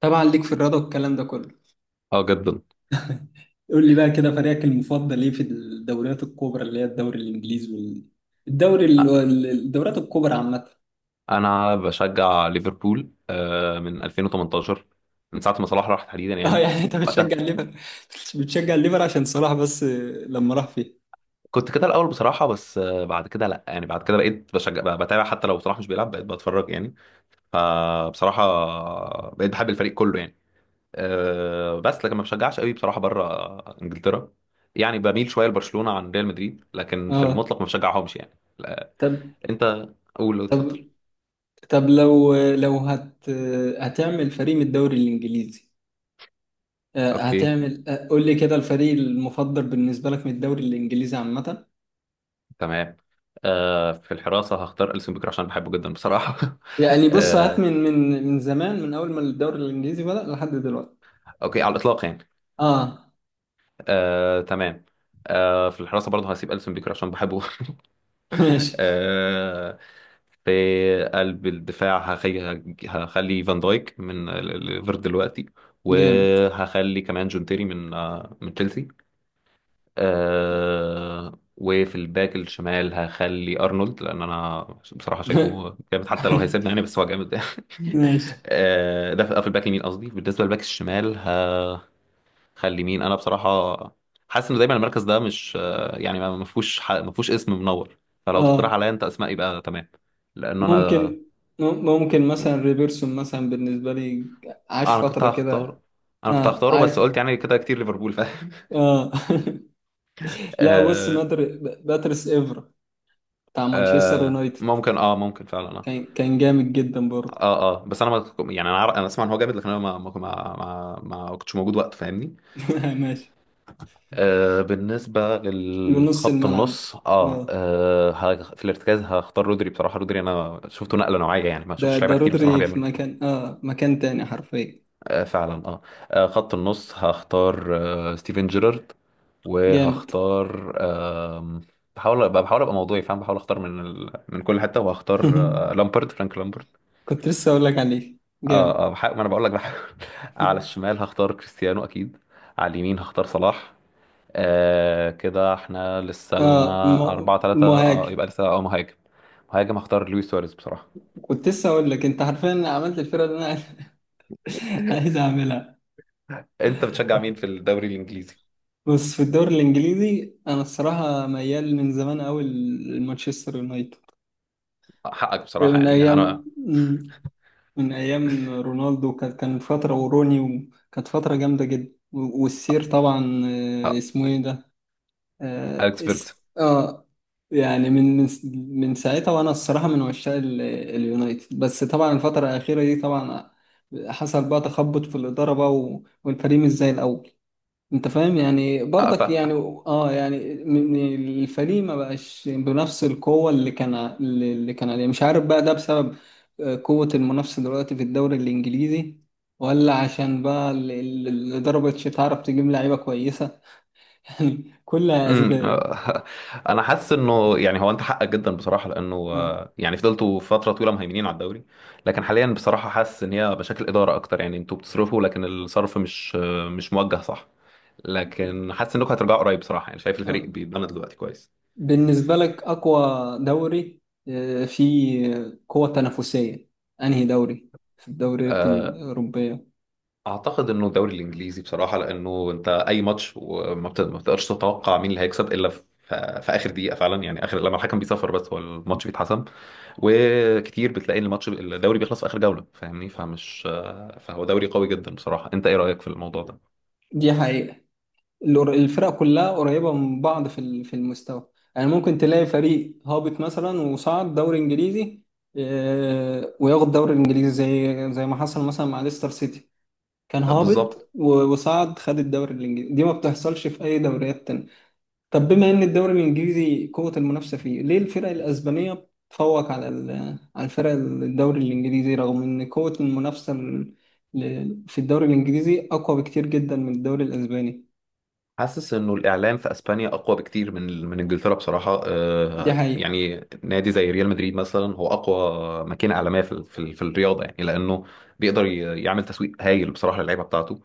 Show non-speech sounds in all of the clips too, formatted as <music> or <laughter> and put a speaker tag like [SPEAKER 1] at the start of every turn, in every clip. [SPEAKER 1] طبعا ليك في الرياضة والكلام ده كله.
[SPEAKER 2] اه جدا.
[SPEAKER 1] قول لي بقى كده فريقك المفضل ايه في الدوريات الكبرى اللي هي الدوري الانجليزي الدوريات الكبرى عامه.
[SPEAKER 2] انا بشجع ليفربول من 2018، من ساعه ما صلاح راح تحديدا
[SPEAKER 1] <laughs> اه،
[SPEAKER 2] يعني
[SPEAKER 1] يعني انت
[SPEAKER 2] وقتها.
[SPEAKER 1] بتشجع الليفر عشان صلاح بس لما راح فيه.
[SPEAKER 2] كنت كده الاول بصراحه، بس بعد كده لا، يعني بعد كده بقيت بشجع، بتابع حتى لو صلاح مش بيلعب، بقيت بتفرج يعني. فبصراحه بقيت بحب الفريق كله يعني. بس لكن ما بشجعش قوي بصراحه بره انجلترا، يعني بميل شويه لبرشلونه عن ريال مدريد، لكن في
[SPEAKER 1] اه،
[SPEAKER 2] المطلق ما بشجعهمش يعني، لا.
[SPEAKER 1] طب،
[SPEAKER 2] انت قول، اتفضل.
[SPEAKER 1] طب لو هتعمل فريق من الدوري الانجليزي،
[SPEAKER 2] اوكي،
[SPEAKER 1] هتعمل، قول لي كده الفريق المفضل بالنسبة لك من الدوري الانجليزي عامة.
[SPEAKER 2] تمام. في الحراسة هختار ألسن بيكر عشان بحبه جدا بصراحة. <laughs>
[SPEAKER 1] يعني بص، هات
[SPEAKER 2] آه،
[SPEAKER 1] من زمان، من اول ما الدوري الانجليزي بدأ لحد دلوقتي.
[SPEAKER 2] أوكي، على الإطلاق يعني.
[SPEAKER 1] اه،
[SPEAKER 2] آه، تمام. في الحراسة برضه هسيب ألسن بيكر عشان بحبه. <laughs>
[SPEAKER 1] ماشي.
[SPEAKER 2] آه في قلب الدفاع هخلي فان دايك من ليفر دلوقتي،
[SPEAKER 1] جامد.
[SPEAKER 2] وهخلي كمان جون تيري من تشيلسي. وفي الباك الشمال هخلي ارنولد، لان انا بصراحه
[SPEAKER 1] <laughs>
[SPEAKER 2] شايفه جامد حتى لو هيسيبنا يعني، بس هو جامد. <laughs>
[SPEAKER 1] ماشي.
[SPEAKER 2] ده في الباك اليمين قصدي، بالنسبه للباك الشمال هخلي مين؟ انا بصراحه حاسس ان دايما المركز ده مش يعني ما فيهوش، ما فيهوش اسم منور، فلو تقترح
[SPEAKER 1] اه
[SPEAKER 2] عليا انت اسماء يبقى تمام. لان انا
[SPEAKER 1] ممكن، ممكن مثلا ريبيرسون مثلا بالنسبة لي، عاش
[SPEAKER 2] انا كنت
[SPEAKER 1] فترة كده.
[SPEAKER 2] هختار انا كنت
[SPEAKER 1] اه،
[SPEAKER 2] هختاره، بس قلت يعني كده كتير ليفربول، فاهم.
[SPEAKER 1] اه.
[SPEAKER 2] <laughs>
[SPEAKER 1] <laughs> لا بص،
[SPEAKER 2] آه.
[SPEAKER 1] باتريس افرا بتاع مانشستر
[SPEAKER 2] آه،
[SPEAKER 1] يونايتد،
[SPEAKER 2] ممكن، ممكن فعلا آه.
[SPEAKER 1] كان جامد جدا برضه.
[SPEAKER 2] اه، اه، بس انا ما يعني، انا انا اسمع ان هو جامد، لكن انا ما كنتش موجود وقت، فاهمني.
[SPEAKER 1] <laughs> ماشي.
[SPEAKER 2] بالنسبه
[SPEAKER 1] لنص
[SPEAKER 2] للخط
[SPEAKER 1] الملعب،
[SPEAKER 2] النص،
[SPEAKER 1] اه،
[SPEAKER 2] في الارتكاز هختار رودري بصراحه. رودري انا شفته نقله نوعيه يعني، ما شفتش
[SPEAKER 1] ده
[SPEAKER 2] لعيبه كتير بصراحه
[SPEAKER 1] رودري في
[SPEAKER 2] بيعملوا،
[SPEAKER 1] مكان، اه، مكان تاني حرفيا.
[SPEAKER 2] آه، فعلا آه. اه، خط النص هختار ستيفن جيرارد،
[SPEAKER 1] جامد.
[SPEAKER 2] وهختار بحاول ابقى موضوعي فاهم، بحاول اختار من كل حته، وهختار
[SPEAKER 1] <laughs>
[SPEAKER 2] لامبرد، فرانك لامبرد.
[SPEAKER 1] كنت لسه اقول لك عليه جامد.
[SPEAKER 2] اه، اه، بحاول، ما انا بقول لك بحاول. <laughs> على
[SPEAKER 1] <laughs>
[SPEAKER 2] الشمال هختار كريستيانو اكيد، على اليمين هختار صلاح. آه، كده احنا لسه
[SPEAKER 1] اه،
[SPEAKER 2] لنا أربعة ثلاثة، اه،
[SPEAKER 1] المهاجم.
[SPEAKER 2] يبقى لسه اه مهاجم. مهاجم هختار لويس سواريز بصراحة.
[SPEAKER 1] كنت لسه اقول لك انت حرفيا عملت الفرقه اللي انا <laughs> عايز اعملها.
[SPEAKER 2] انت بتشجع مين في الدوري الانجليزي؟
[SPEAKER 1] بص، في الدوري الانجليزي انا الصراحه ميال من زمان قوي لمانشستر يونايتد،
[SPEAKER 2] حقك بصراحة،
[SPEAKER 1] من
[SPEAKER 2] يعني
[SPEAKER 1] ايام
[SPEAKER 2] انا
[SPEAKER 1] من ايام رونالدو، كانت فتره وروني، وكانت فتره جامده جدا، والسير طبعا،
[SPEAKER 2] آه،
[SPEAKER 1] اسمه ايه ده؟ اه,
[SPEAKER 2] اليكس
[SPEAKER 1] اس... آه يعني من ساعتها، وانا الصراحه من عشاق اليونايتد، بس طبعا الفتره الاخيره دي طبعا حصل بقى تخبط في الاداره بقى والفريق مش زي الاول، انت فاهم يعني برضك.
[SPEAKER 2] فيرجسون.
[SPEAKER 1] يعني اه يعني، الفريق ما بقاش بنفس القوة اللي كان عليه، مش عارف بقى ده بسبب قوة المنافسة دلوقتي في الدوري الانجليزي، ولا عشان بقى الإدارة مبقتش تعرف تجيب لعيبة كويسة. <laughs> يعني كلها
[SPEAKER 2] امم
[SPEAKER 1] أسباب.
[SPEAKER 2] آه، <laughs> انا حاسس انه يعني هو انت حقك جدا بصراحه، لانه
[SPEAKER 1] آه.
[SPEAKER 2] يعني فضلتوا فتره طويله مهيمنين على الدوري، لكن حاليا بصراحه حاسس ان هي مشاكل اداره اكتر، يعني انتوا بتصرفوا لكن الصرف مش مش موجه صح. لكن حاسس انكم هترجعوا قريب بصراحه، يعني شايف
[SPEAKER 1] آه.
[SPEAKER 2] الفريق بيتبنى دلوقتي كويس.
[SPEAKER 1] بالنسبة لك أقوى دوري، فيه قوة تنافسية، أنهي دوري في الدوريات
[SPEAKER 2] آه،
[SPEAKER 1] الأوروبية؟
[SPEAKER 2] اعتقد انه الدوري الانجليزي بصراحه، لانه انت اي ماتش، وما بت- ما بتقدرش تتوقع مين اللي هيكسب الا في اخر دقيقه فعلا، يعني اخر لما الحكم بيصفر بس هو الماتش بيتحسم. وكتير بتلاقي ان الماتش الدوري بيخلص في اخر جوله، فاهمني، فهو دوري قوي جدا بصراحه. انت ايه رايك في الموضوع ده؟
[SPEAKER 1] دي حقيقة. الفرق كلها قريبة من بعض في في المستوى، يعني ممكن تلاقي فريق هابط مثلا وصعد دوري انجليزي، وياخد دوري الانجليزي زي ما حصل مثلا مع ليستر سيتي، كان
[SPEAKER 2] بالظبط.
[SPEAKER 1] هابط وصعد، خد الدوري الانجليزي. دي ما بتحصلش في اي دوريات تانية. طب بما ان الدوري الانجليزي قوة المنافسة فيه، ليه الفرق الاسبانية بتفوق على على الفرق الدوري الانجليزي رغم ان قوة المنافسة في الدوري الانجليزي اقوى بكتير جدا من الدوري الاسباني؟
[SPEAKER 2] حاسس انه الاعلام في اسبانيا اقوى بكتير من انجلترا بصراحه.
[SPEAKER 1] دي حقيقة.
[SPEAKER 2] يعني نادي زي ريال مدريد مثلا هو اقوى ماكينه اعلاميه في الرياضه يعني، لانه بيقدر يعمل تسويق هايل بصراحه للعيبه بتاعته.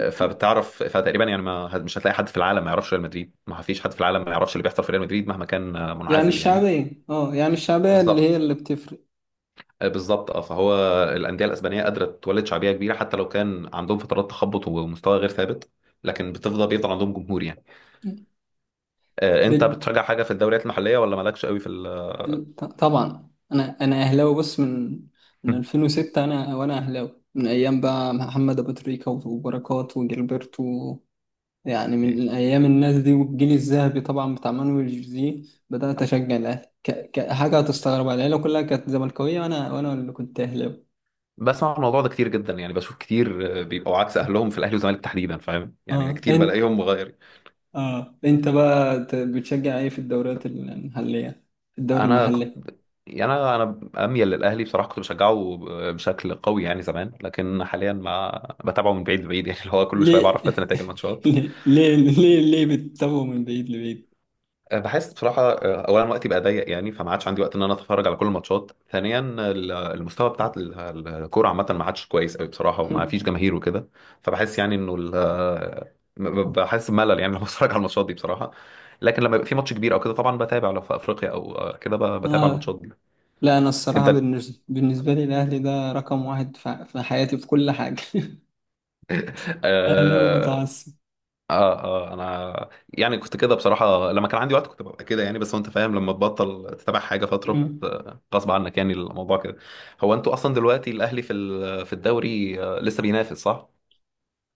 [SPEAKER 2] فبتعرف، فتقريبا يعني ما مش هتلاقي حد في العالم ما يعرفش ريال مدريد، ما فيش حد في العالم ما يعرفش اللي بيحصل في ريال مدريد مهما كان
[SPEAKER 1] يعني
[SPEAKER 2] منعزل يعني.
[SPEAKER 1] الشعبية، اه يعني الشعبية اللي
[SPEAKER 2] بالظبط.
[SPEAKER 1] هي اللي بتفرق.
[SPEAKER 2] بالظبط، فهو الانديه الاسبانيه قادره تولد شعبيه كبيره حتى لو كان عندهم فترات تخبط ومستوى غير ثابت، لكن بيفضل عندهم جمهور يعني. انت
[SPEAKER 1] بال...
[SPEAKER 2] بتشجع حاجه في الدوريات المحليه ولا مالكش قوي
[SPEAKER 1] طبعا انا اهلاوي، بص، من
[SPEAKER 2] <laughs>
[SPEAKER 1] 2006، انا وانا اهلاوي من ايام بقى محمد ابو تريكة وبركات وجilberto، يعني
[SPEAKER 2] اوكي.
[SPEAKER 1] من ايام الناس دي والجيل الذهبي طبعا بتاع مانويل جوزيه. بدات اشجع الاهلي كحاجه هتستغربها، العيله كلها كانت زملكاويه، وانا اللي كنت اهلاوي.
[SPEAKER 2] بسمع الموضوع ده كتير جدا، يعني بشوف كتير بيبقوا عكس اهلهم في الاهلي والزمالك تحديدا، فاهم يعني،
[SPEAKER 1] اه
[SPEAKER 2] كتير
[SPEAKER 1] انت،
[SPEAKER 2] بلاقيهم مغير.
[SPEAKER 1] اه انت بقى بتشجع ايه في الدوريات المحليه، الدوري
[SPEAKER 2] انا
[SPEAKER 1] المحلي؟
[SPEAKER 2] كنت يعني انا اميل للاهلي بصراحه. كنت بشجعه بشكل قوي يعني زمان، لكن حاليا ما بتابعه من بعيد لبعيد، يعني اللي هو كل شويه
[SPEAKER 1] ليه؟
[SPEAKER 2] بعرف بس نتائج
[SPEAKER 1] <laughs>
[SPEAKER 2] الماتشات.
[SPEAKER 1] ليه ليه بتتابعه من بعيد لبعيد؟
[SPEAKER 2] بحس بصراحة أولا وقتي بقى ضيق يعني، فما عادش عندي وقت إن أنا أتفرج على كل الماتشات، ثانيا المستوى بتاع الكورة عامة ما عادش كويس أوي بصراحة، وما فيش
[SPEAKER 1] <laughs>
[SPEAKER 2] جماهير وكده. فبحس يعني إنه ب- بحس بملل يعني لما <laughs> بتفرج على الماتشات دي بصراحة. لكن لما يبقى في ماتش كبير أو كده طبعا بتابع، لو في أفريقيا أو كده بتابع
[SPEAKER 1] اه.
[SPEAKER 2] الماتشات دي.
[SPEAKER 1] لا، انا
[SPEAKER 2] أنت.
[SPEAKER 1] الصراحه بالنسبه لي الاهلي ده رقم واحد في حياتي، في كل حاجه. <laughs> اهلاوي متعصب.
[SPEAKER 2] اه، اه، انا يعني كنت كده بصراحه لما كان عندي وقت، كنت ببقى كده يعني، بس هو انت فاهم لما تبطل تتابع حاجه فتره،
[SPEAKER 1] مم.
[SPEAKER 2] غصب عنك يعني الموضوع كده. هو انتوا اصلا دلوقتي الاهلي في الدوري لسه بينافس صح؟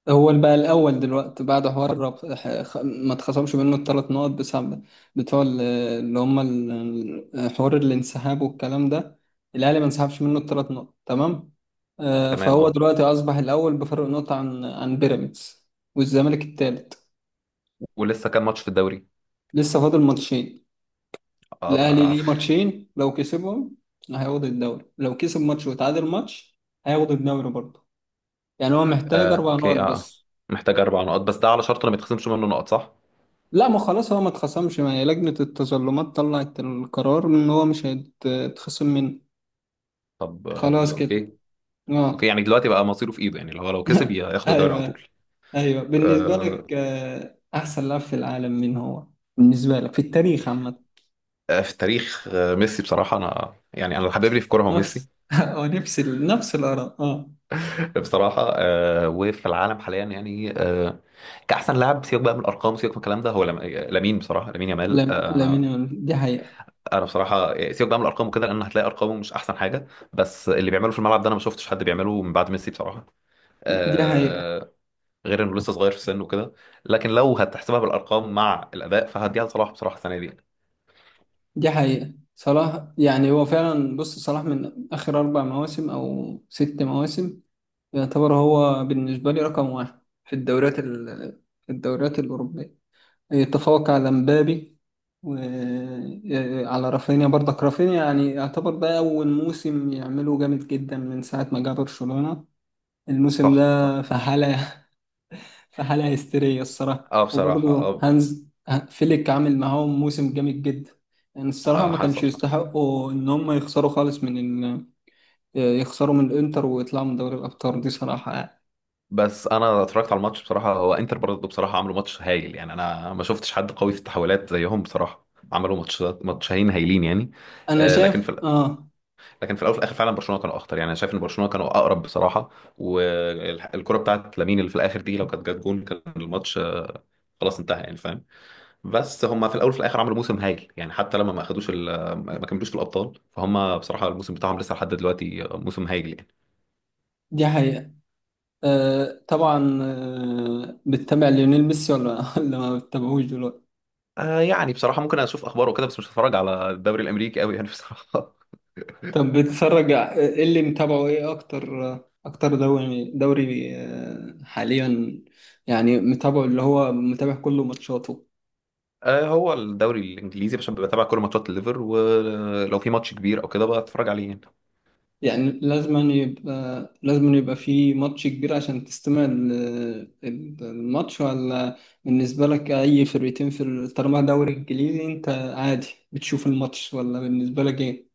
[SPEAKER 1] هو اللي بقى الاول دلوقتي بعد حوار ما اتخصمش منه الثلاث نقط، بسبب بتوع اللي هم حوار الانسحاب والكلام ده. الاهلي ما انسحبش منه الثلاث نقط، تمام.
[SPEAKER 2] تمام،
[SPEAKER 1] فهو
[SPEAKER 2] اه.
[SPEAKER 1] دلوقتي اصبح الاول بفرق نقطه عن بيراميدز، والزمالك الثالث.
[SPEAKER 2] ولسه كام ماتش في الدوري؟
[SPEAKER 1] لسه فاضل ماتشين.
[SPEAKER 2] اه.
[SPEAKER 1] الاهلي
[SPEAKER 2] ده،
[SPEAKER 1] ليه ماتشين، لو كسبهم هياخد الدوري، لو كسب ماتش وتعادل ماتش هياخد الدوري برضه. يعني هو محتاج
[SPEAKER 2] آه،
[SPEAKER 1] 4 نقط
[SPEAKER 2] اوكي، اه،
[SPEAKER 1] بس.
[SPEAKER 2] محتاج اربع نقط بس، ده على شرط انه ما يتخصمش منه نقط صح؟
[SPEAKER 1] لا، ما خلاص، هو ما اتخصمش، ما هي لجنة التظلمات طلعت القرار ان هو مش هيتخصم منه،
[SPEAKER 2] طب
[SPEAKER 1] خلاص كده.
[SPEAKER 2] اوكي،
[SPEAKER 1] اه.
[SPEAKER 2] اوكي. يعني دلوقتي بقى مصيره في ايده، يعني لو كسب
[SPEAKER 1] <laughs>
[SPEAKER 2] ياخد الدوري على
[SPEAKER 1] ايوه،
[SPEAKER 2] طول.
[SPEAKER 1] ايوه. بالنسبة
[SPEAKER 2] آه
[SPEAKER 1] لك، احسن لاعب في العالم مين هو، بالنسبة لك في التاريخ عامة؟
[SPEAKER 2] في تاريخ ميسي بصراحه. انا يعني، انا اللي حبيبني في كوره هو ميسي
[SPEAKER 1] نفس <laughs> نفس الآراء، اه.
[SPEAKER 2] بصراحة. وفي العالم حاليا يعني كأحسن لاعب، سيبك بقى من الأرقام، سيبك من الكلام ده، هو لامين بصراحة، لامين يامال. آه
[SPEAKER 1] لامين
[SPEAKER 2] أنا
[SPEAKER 1] يامال، دي حقيقة.
[SPEAKER 2] أنا بصراحة سيبك بقى من الأرقام وكده، لأن هتلاقي أرقامه مش أحسن حاجة، بس اللي بيعمله في الملعب ده أنا ما شفتش حد بيعمله من بعد ميسي بصراحة.
[SPEAKER 1] دي حقيقة.
[SPEAKER 2] آه غير إنه لسه صغير في السن وكده، لكن لو هتحسبها بالأرقام مع الأداء فهديها لصلاح بصراحة السنة دي.
[SPEAKER 1] دي حقيقة. صلاح يعني هو فعلا، بص، صلاح من آخر 4 مواسم أو 6 مواسم، يعتبر هو بالنسبة لي رقم واحد في الدوريات في الدوريات الأوروبية، يتفوق على مبابي وعلى رافينيا. برضك رافينيا يعني يعتبر ده أول موسم يعمله جامد جدا من ساعة ما جه برشلونة. الموسم
[SPEAKER 2] صح، صح،
[SPEAKER 1] ده في حالة هستيرية الصراحة.
[SPEAKER 2] اه بصراحة،
[SPEAKER 1] وبرضه
[SPEAKER 2] اه.
[SPEAKER 1] هانز فليك عامل معاهم موسم جامد جدا. يعني الصراحة ما كانش
[SPEAKER 2] حصل.
[SPEAKER 1] يستحقوا إن هم يخسروا خالص من ال... يخسروا من الإنتر ويطلعوا من دوري الأبطال، دي صراحة يعني.
[SPEAKER 2] بس انا اتفرجت على الماتش بصراحه، هو انتر برضه بصراحه عملوا ماتش هايل يعني، انا ما شفتش حد قوي في التحولات زيهم بصراحه. عملوا ماتشين هايلين يعني.
[SPEAKER 1] أنا
[SPEAKER 2] لكن
[SPEAKER 1] شايف.
[SPEAKER 2] في ال-
[SPEAKER 1] آه.
[SPEAKER 2] لكن في الاول وفي الاخر فعلا برشلونه كانوا اخطر يعني، انا شايف ان برشلونه كانوا اقرب بصراحه، والكره بتاعت لامين اللي في الاخر دي لو كانت جت جون كان الماتش خلاص انتهى يعني فاهم. بس هم في الاول وفي الاخر عملوا موسم هايل يعني، حتى لما ما اخدوش ما كملوش في الابطال، فهم بصراحه الموسم بتاعهم لسه لحد دلوقتي موسم هايل يعني.
[SPEAKER 1] دي حقيقة. آه، طبعا، بتتابع ليونيل ميسي، ولا <laughs> ولا ما بتتابعوش دلوقتي؟
[SPEAKER 2] يعني بصراحة ممكن أشوف أخباره وكده، بس مش هتفرج على الدوري الأمريكي أوي يعني بصراحة. <laughs>
[SPEAKER 1] طب بتتفرج، إيه اللي متابعه إيه أكتر، أكتر دوري حاليا، يعني متابعه اللي هو متابع كل ماتشاته؟
[SPEAKER 2] هو الدوري الإنجليزي عشان بتابع كل ماتشات الليفر، ولو في ماتش كبير أو كده بتفرج عليه يعني.
[SPEAKER 1] يعني لازم يبقى في ماتش كبير عشان تستمع الماتش، ولا بالنسبة لك أي فرقتين في طالما دوري إنجليزي أنت عادي بتشوف الماتش، ولا بالنسبة لك إيه؟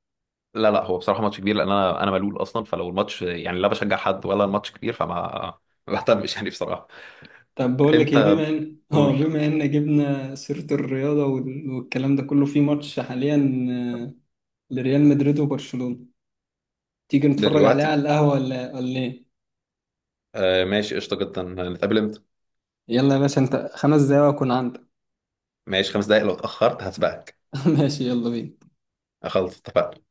[SPEAKER 2] لا لا، هو بصراحة ماتش كبير، لأن أنا ملول أصلا، فلو الماتش يعني لا بشجع حد ولا الماتش كبير، فما <laughs> ما بهتمش يعني بصراحة.
[SPEAKER 1] طب بقول لك إيه،
[SPEAKER 2] أنت
[SPEAKER 1] بما إن
[SPEAKER 2] قول.
[SPEAKER 1] بما إن جبنا سيرة الرياضة والكلام ده كله، في ماتش حاليا لريال مدريد وبرشلونة، تيجي نتفرج عليه
[SPEAKER 2] دلوقتي؟
[SPEAKER 1] على القهوة، ولا إيه؟
[SPEAKER 2] ماشي، قشطة جدا، نتقابل إمتى؟
[SPEAKER 1] يلا يا باشا، أنت 5 دقايق وأكون عندك.
[SPEAKER 2] ماشي، خمس دقايق لو اتأخرت هسبقك.
[SPEAKER 1] <laughs> ماشي، يلا بينا.
[SPEAKER 2] خلاص، اتفقنا.